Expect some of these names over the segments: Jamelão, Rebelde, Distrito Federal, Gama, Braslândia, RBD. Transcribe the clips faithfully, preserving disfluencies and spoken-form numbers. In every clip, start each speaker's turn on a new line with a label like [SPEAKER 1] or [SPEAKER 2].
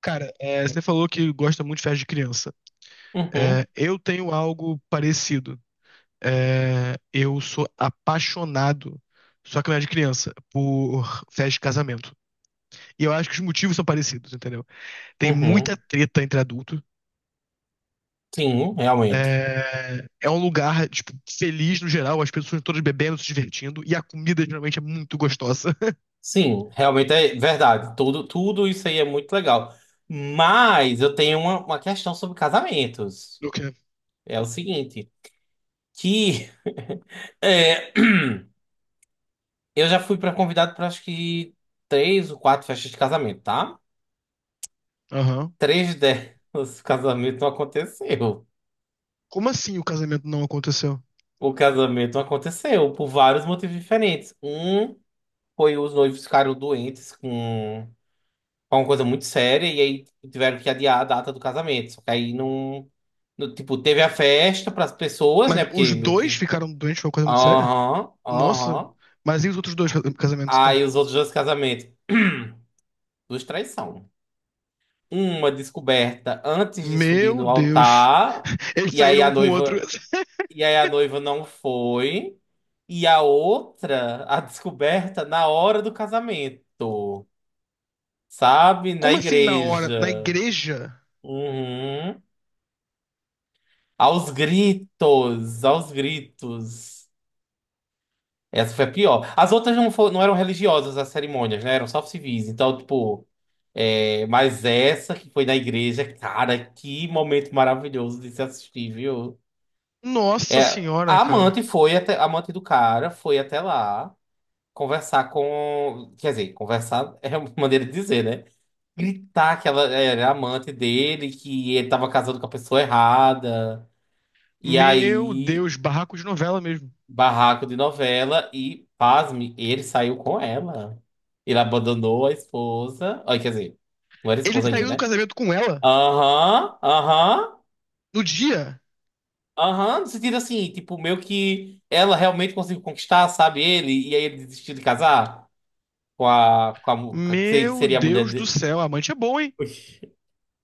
[SPEAKER 1] Cara, é, você falou que gosta muito de festa de criança.
[SPEAKER 2] Uhum,
[SPEAKER 1] É, eu tenho algo parecido. É, eu sou apaixonado, só que não é de criança, por festa de casamento. E eu acho que os motivos são parecidos, entendeu? Tem muita
[SPEAKER 2] uhum.
[SPEAKER 1] treta entre adultos.
[SPEAKER 2] Sim, realmente.
[SPEAKER 1] É, é um lugar, tipo, feliz no geral, as pessoas todas bebendo, se divertindo, e a comida geralmente é muito gostosa.
[SPEAKER 2] Sim, realmente é verdade. Tudo, tudo isso aí é muito legal. Mas eu tenho uma, uma questão sobre casamentos.
[SPEAKER 1] Do que?
[SPEAKER 2] É o seguinte, que é, eu já fui para convidado para acho que três ou quatro festas de casamento, tá?
[SPEAKER 1] Aham.
[SPEAKER 2] Três delas, o casamento não aconteceu.
[SPEAKER 1] Como assim o casamento não aconteceu?
[SPEAKER 2] O casamento não aconteceu por vários motivos diferentes. Um foi os noivos ficaram doentes com foi uma coisa muito séria e aí tiveram que adiar a data do casamento. Só que aí não, no- tipo, teve a festa para as pessoas,
[SPEAKER 1] Mas
[SPEAKER 2] né? Porque
[SPEAKER 1] os
[SPEAKER 2] meio
[SPEAKER 1] dois
[SPEAKER 2] que
[SPEAKER 1] ficaram doentes, foi uma coisa muito séria?
[SPEAKER 2] aham,
[SPEAKER 1] Nossa,
[SPEAKER 2] aham.
[SPEAKER 1] mas e os outros dois ca- casamentos, então?
[SPEAKER 2] Aí os outros dois casamentos, duas traições. Uma descoberta antes de subir
[SPEAKER 1] Meu
[SPEAKER 2] no
[SPEAKER 1] Deus.
[SPEAKER 2] altar,
[SPEAKER 1] Eles
[SPEAKER 2] e aí
[SPEAKER 1] saíram
[SPEAKER 2] a
[SPEAKER 1] um com o outro.
[SPEAKER 2] noiva, e aí a noiva não foi, e a outra, a descoberta na hora do casamento, sabe? Na
[SPEAKER 1] Como assim na hora? Na
[SPEAKER 2] igreja.
[SPEAKER 1] igreja?
[SPEAKER 2] Uhum. Aos gritos, aos gritos. Essa foi a pior. As outras não, fo- não eram religiosas, as cerimônias, né? Eram só civis. Então, tipo, é, mas essa que foi na igreja, cara, que momento maravilhoso de se assistir, viu?
[SPEAKER 1] Nossa
[SPEAKER 2] É,
[SPEAKER 1] senhora,
[SPEAKER 2] a
[SPEAKER 1] cara.
[SPEAKER 2] amante foi até, a amante do cara foi até lá conversar com, quer dizer, conversar é uma maneira de dizer, né? Gritar que ela era amante dele, que ele tava casando com a pessoa errada. E
[SPEAKER 1] Meu
[SPEAKER 2] aí.
[SPEAKER 1] Deus, barraco de novela mesmo.
[SPEAKER 2] Barraco de novela e, pasme, ele saiu com ela. Ele abandonou a esposa. Ai, quer dizer, não era
[SPEAKER 1] Ele
[SPEAKER 2] esposa ainda,
[SPEAKER 1] saiu do
[SPEAKER 2] né?
[SPEAKER 1] casamento com ela
[SPEAKER 2] Aham, aham,
[SPEAKER 1] no dia.
[SPEAKER 2] aham. No sentido assim, tipo, meio que ela realmente conseguiu conquistar, sabe, ele, e aí ele desistiu de casar com a, com a, mu- com a que se- que
[SPEAKER 1] Meu
[SPEAKER 2] seria a mulher
[SPEAKER 1] Deus do
[SPEAKER 2] dele.
[SPEAKER 1] céu, a amante é bom, hein?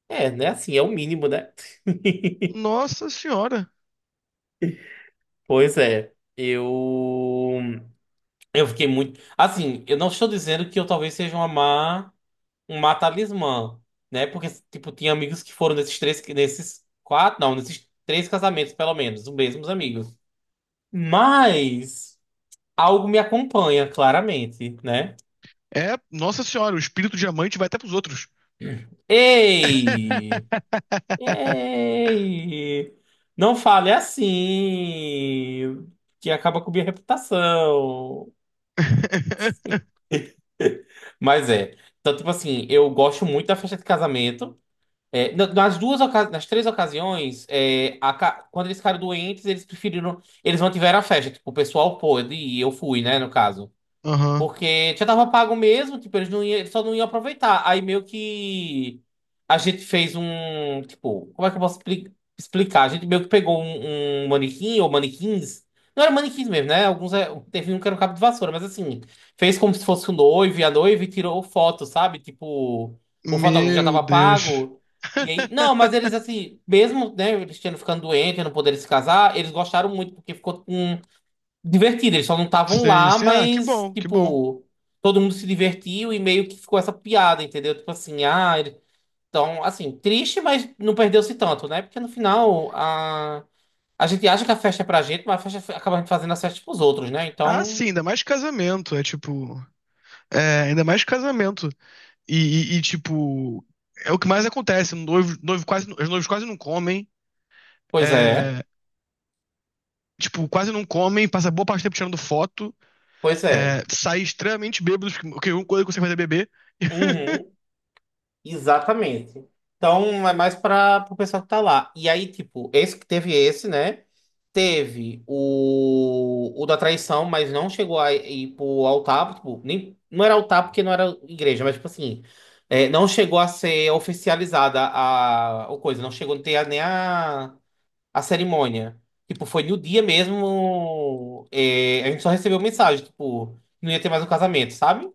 [SPEAKER 2] É, né? Assim, é o mínimo, né?
[SPEAKER 1] Nossa senhora.
[SPEAKER 2] Pois é, eu eu fiquei muito. Assim, eu não estou dizendo que eu talvez seja uma má. Uma talismã, né? Porque, tipo, tinha amigos que foram nesses três, nesses quatro, não, nesses três casamentos, pelo menos, os mesmos amigos. Mas algo me acompanha, claramente, né?
[SPEAKER 1] É, nossa senhora, o espírito de amante vai até pros outros.
[SPEAKER 2] Ei! Ei! Não fale assim, que acaba com minha reputação. Mas é. Então, tipo assim, eu gosto muito da festa de casamento. É, na- nas duas, oca- nas três ocasiões, é, a ca- quando eles ficaram doentes, eles preferiram, eles mantiveram a festa. Tipo, o pessoal pôde e eu fui, né, no caso.
[SPEAKER 1] Aham.
[SPEAKER 2] Porque já tava pago mesmo, tipo, eles não iam, eles só não iam aproveitar. Aí meio que a gente fez um, tipo, como é que eu posso expli- explicar? A gente meio que pegou um, um manequim ou manequins. Não era manequins mesmo, né? Alguns é- teve um que era um cabo de vassoura, mas assim, fez como se fosse o noivo e a noiva e tirou foto, sabe? Tipo, o fotógrafo já
[SPEAKER 1] Meu
[SPEAKER 2] tava
[SPEAKER 1] Deus.
[SPEAKER 2] pago. E aí, não, mas eles assim, mesmo, né, eles tendo ficando doentes, não poderem se casar, eles gostaram muito porque ficou com divertida. Eles só não estavam
[SPEAKER 1] Sim,
[SPEAKER 2] lá,
[SPEAKER 1] sim. Ah, que
[SPEAKER 2] mas,
[SPEAKER 1] bom, que bom.
[SPEAKER 2] tipo, todo mundo se divertiu e meio que ficou essa piada, entendeu? Tipo assim, ah, ele... Então, assim, triste, mas não perdeu-se tanto, né? Porque no final, a... A gente acha que a festa é pra gente, mas a festa acaba fazendo a festa pros outros, né?
[SPEAKER 1] Ah,
[SPEAKER 2] Então,
[SPEAKER 1] sim, ainda mais casamento. É tipo. É, ainda mais casamento. E, e- e, tipo. É o que mais acontece. Um Noivo, noivo quase, os noivos quase não comem.
[SPEAKER 2] pois é,
[SPEAKER 1] É, tipo, quase não comem. Passa boa parte do tempo tirando foto.
[SPEAKER 2] pois
[SPEAKER 1] É,
[SPEAKER 2] é.
[SPEAKER 1] sai extremamente bêbado, porque a única coisa que você faz é beber.
[SPEAKER 2] Uhum. Exatamente. Então é mais para o pessoal que tá lá. E aí, tipo, esse que teve esse, né? Teve o, o da traição, mas não chegou a ir pro altar. Tipo, nem, não era altar porque não era igreja, mas tipo assim, é, não chegou a ser oficializada a, a coisa, não chegou a ter a- nem a, a cerimônia. Tipo, foi no dia mesmo. É, a gente só recebeu mensagem, tipo, não ia ter mais um casamento, sabe?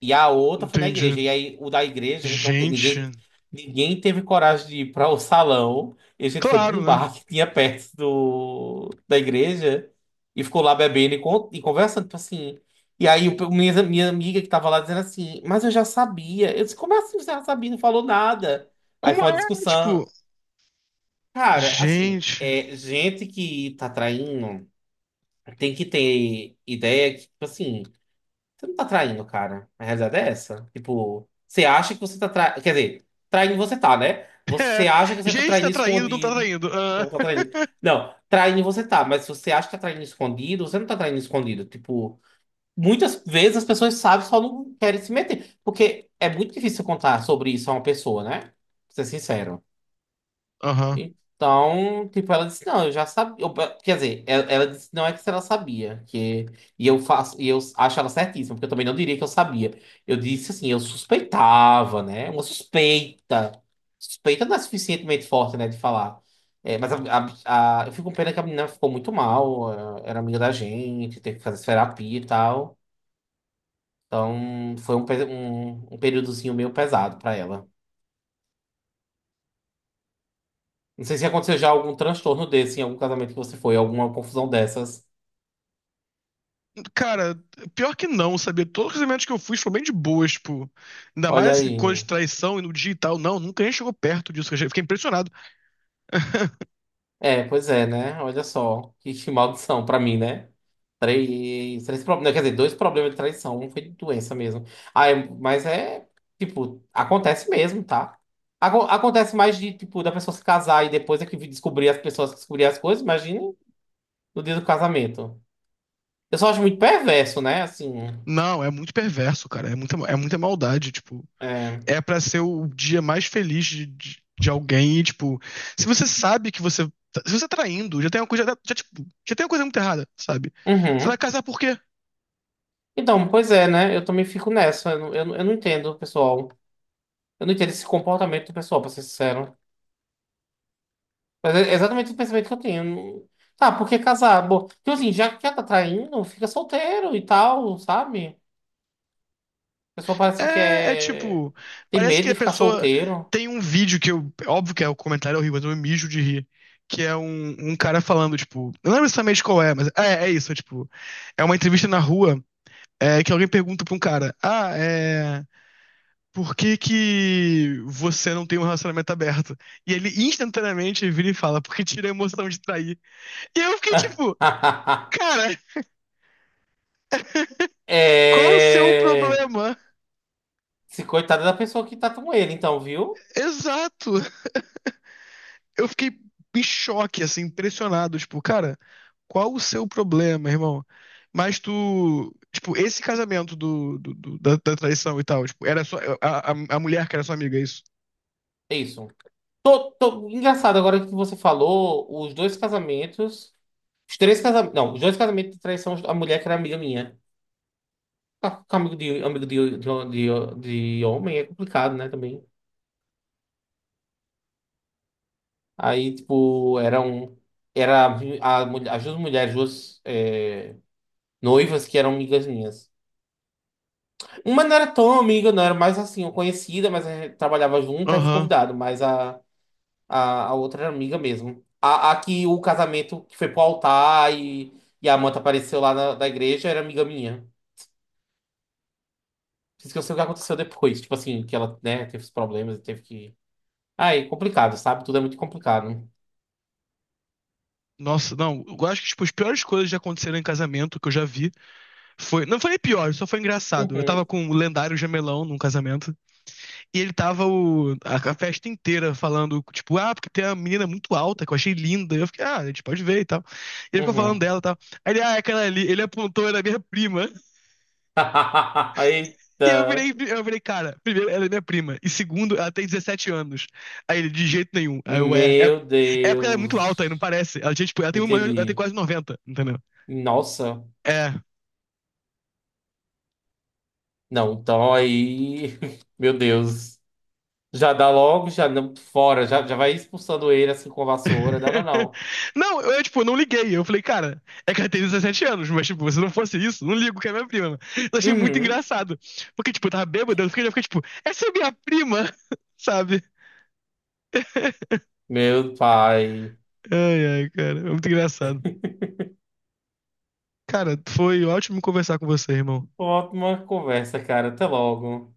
[SPEAKER 2] E a outra foi na igreja.
[SPEAKER 1] Entendi.
[SPEAKER 2] E aí, o da igreja, a gente não te-
[SPEAKER 1] Gente.
[SPEAKER 2] ninguém, ninguém teve coragem de ir para o salão. E a gente foi para
[SPEAKER 1] Claro,
[SPEAKER 2] um
[SPEAKER 1] né?
[SPEAKER 2] bar que tinha perto do, da igreja e ficou lá bebendo e, con- e conversando, tipo assim. E aí, o- minha, minha amiga que estava lá dizendo assim, mas eu já sabia. Eu disse, como é assim você já sabia? Não falou nada. Aí
[SPEAKER 1] Como
[SPEAKER 2] foi
[SPEAKER 1] é?
[SPEAKER 2] uma discussão.
[SPEAKER 1] Tipo.
[SPEAKER 2] Cara, assim,
[SPEAKER 1] Gente.
[SPEAKER 2] é, gente que tá traindo tem que ter ideia que, tipo assim. Você não tá traindo, cara. A realidade é essa. Tipo, você acha que você tá traindo. Quer dizer, traindo você tá, né?
[SPEAKER 1] É,
[SPEAKER 2] Você acha que você tá
[SPEAKER 1] gente
[SPEAKER 2] traindo
[SPEAKER 1] tá traindo, não tá
[SPEAKER 2] escondido.
[SPEAKER 1] traindo. Ah.
[SPEAKER 2] Não tá traindo. Não, traindo você tá, mas se você acha que tá traindo escondido, você não tá traindo escondido. Tipo, muitas vezes as pessoas sabem, só não querem se meter. Porque é muito difícil contar sobre isso a uma pessoa, né? Pra ser sincero.
[SPEAKER 1] Aham.
[SPEAKER 2] Então, tipo, ela disse, não, eu já sabia. Eu- eh, Quer dizer, ela, ela disse, não é que se ela sabia, que e eu faço, e eu acho ela certíssima, porque eu também não diria que eu sabia. Eu disse assim, eu suspeitava, né? Uma suspeita. Suspeita não é suficientemente forte, né, de falar. É, mas a, a- a- eu fico com pena que a menina ficou muito mal, eh, era amiga da gente, teve que fazer terapia e tal. Então, foi um, pe- um, um períodozinho meio pesado pra ela. Não sei se aconteceu já algum transtorno desse em algum casamento que você foi, alguma confusão dessas.
[SPEAKER 1] Cara, pior que não, sabia? Todos os eventos que eu fui foram bem de boas, tipo. Ainda
[SPEAKER 2] Olha
[SPEAKER 1] mais que
[SPEAKER 2] aí.
[SPEAKER 1] coisa de traição e no digital. Não, nunca nem chegou perto disso. Eu fiquei impressionado.
[SPEAKER 2] É, pois é, né? Olha só. Que que maldição pra mim, né? Três, três problemas. Quer dizer, dois problemas de traição. Um foi de doença mesmo. Ah, é- mas é, tipo, acontece mesmo, tá? Aco- acontece mais de, tipo, da pessoa se casar e depois é que descobrir as pessoas que descobrir as coisas. Imagine no dia do casamento. Eu só acho muito perverso, né? Assim.
[SPEAKER 1] Não, é muito perverso, cara. É muita, é muita maldade, tipo.
[SPEAKER 2] É.
[SPEAKER 1] É pra ser o dia mais feliz de, de, de alguém e, tipo. Se você sabe que você. tá- Se você tá traindo, já tem uma coisa. Já, tipo, já tem uma coisa muito errada, sabe? Você vai
[SPEAKER 2] Uhum.
[SPEAKER 1] casar por quê?
[SPEAKER 2] Então, pois é, né? Eu também fico nessa. Eu, não- eu, não- eu não entendo, pessoal. Eu não entendo esse comportamento do pessoal, pra ser sincero. Mas é exatamente o pensamento que eu tenho. Tá, por que casar? Bom, então assim, já que já tá traindo, fica solteiro e tal, sabe? A pessoa parece que
[SPEAKER 1] É, é
[SPEAKER 2] quer.
[SPEAKER 1] tipo,
[SPEAKER 2] Tem
[SPEAKER 1] parece que
[SPEAKER 2] medo
[SPEAKER 1] a
[SPEAKER 2] de ficar
[SPEAKER 1] pessoa
[SPEAKER 2] solteiro.
[SPEAKER 1] tem um vídeo que eu, óbvio que é o comentário é horrível, mas eu me mijo de rir, que é um, um cara falando, tipo, eu não lembro exatamente qual é, mas é, é isso, é tipo, é uma entrevista na rua, é, que alguém pergunta pra um cara, ah, é, por que que você não tem um relacionamento aberto? E ele instantaneamente vira e fala, porque tira a emoção de trair. E eu fiquei tipo, cara, qual o seu
[SPEAKER 2] É.
[SPEAKER 1] problema?
[SPEAKER 2] Se coitada da pessoa que tá com ele, então, viu?
[SPEAKER 1] Exato. Eu fiquei em choque, assim, impressionado. Tipo, cara, qual o seu problema, irmão? Mas tu. Tipo, esse casamento do, do- do- da, da traição e tal, tipo, era só. A, a, a mulher que era sua amiga, é isso?
[SPEAKER 2] É isso. Tô, tô... Engraçado, agora que você falou, os dois casamentos. Os três casamentos. Não, os dois casamentos de traição, a mulher que era amiga minha. Tá. Com amigo de, amigo de, de, de, de homem é complicado, né, também. Aí, tipo, eram. Era a, mulher- as duas mulheres, duas é, noivas que eram amigas minhas. Uma não era tão amiga, não era mais assim, conhecida, mas a gente trabalhava junto, aí eu fui
[SPEAKER 1] Aham.
[SPEAKER 2] convidado, mas a, a, a outra era amiga mesmo. A, a que o casamento que foi pro altar e, e a manta apareceu lá na, da igreja era amiga minha. Por isso que eu sei o que aconteceu depois. Tipo assim, que ela, né, teve os problemas e teve que. Ai, complicado, sabe? Tudo é muito complicado.
[SPEAKER 1] Nossa, não. Eu acho que, tipo, as piores coisas já aconteceram em casamento que eu já vi. Foi, não foi pior, só foi engraçado. Eu tava
[SPEAKER 2] Uhum,
[SPEAKER 1] com o lendário Jamelão num casamento e ele tava o, a, a festa inteira falando, tipo, ah, porque tem uma menina muito alta que eu achei linda. Eu fiquei, ah, a gente pode ver e tal. E ele ficou falando
[SPEAKER 2] uhum.
[SPEAKER 1] dela e tal. Aí ele, ah, é aquela ali, ele apontou, era minha prima. E eu
[SPEAKER 2] Eita.
[SPEAKER 1] virei, eu virei, cara, primeiro, ela é minha prima. E segundo, ela tem dezessete anos. Aí ele, de jeito nenhum. Aí eu, é, é,
[SPEAKER 2] Meu
[SPEAKER 1] é porque ela é muito alta aí, não
[SPEAKER 2] Deus.
[SPEAKER 1] parece. Ela, tinha, tipo, ela tem uma, ela tem
[SPEAKER 2] Entendi.
[SPEAKER 1] quase noventa, entendeu?
[SPEAKER 2] Nossa.
[SPEAKER 1] É.
[SPEAKER 2] Não, então aí. Meu Deus. Já dá logo, já não, fora, já, já vai expulsando ele assim com a vassoura. Não, não, não.
[SPEAKER 1] Não, eu, tipo, não liguei. Eu falei, cara, é que ela tem dezessete anos, mas, tipo, se não fosse isso, não ligo que é minha prima. Eu achei muito
[SPEAKER 2] Uhum.
[SPEAKER 1] engraçado. Porque, tipo, eu tava bêbado, eu fiquei, eu fiquei tipo, essa é minha prima, sabe?
[SPEAKER 2] Meu pai.
[SPEAKER 1] Ai, ai, cara, é muito engraçado. Cara, foi ótimo conversar com você, irmão.
[SPEAKER 2] Ótima conversa, cara. Até logo.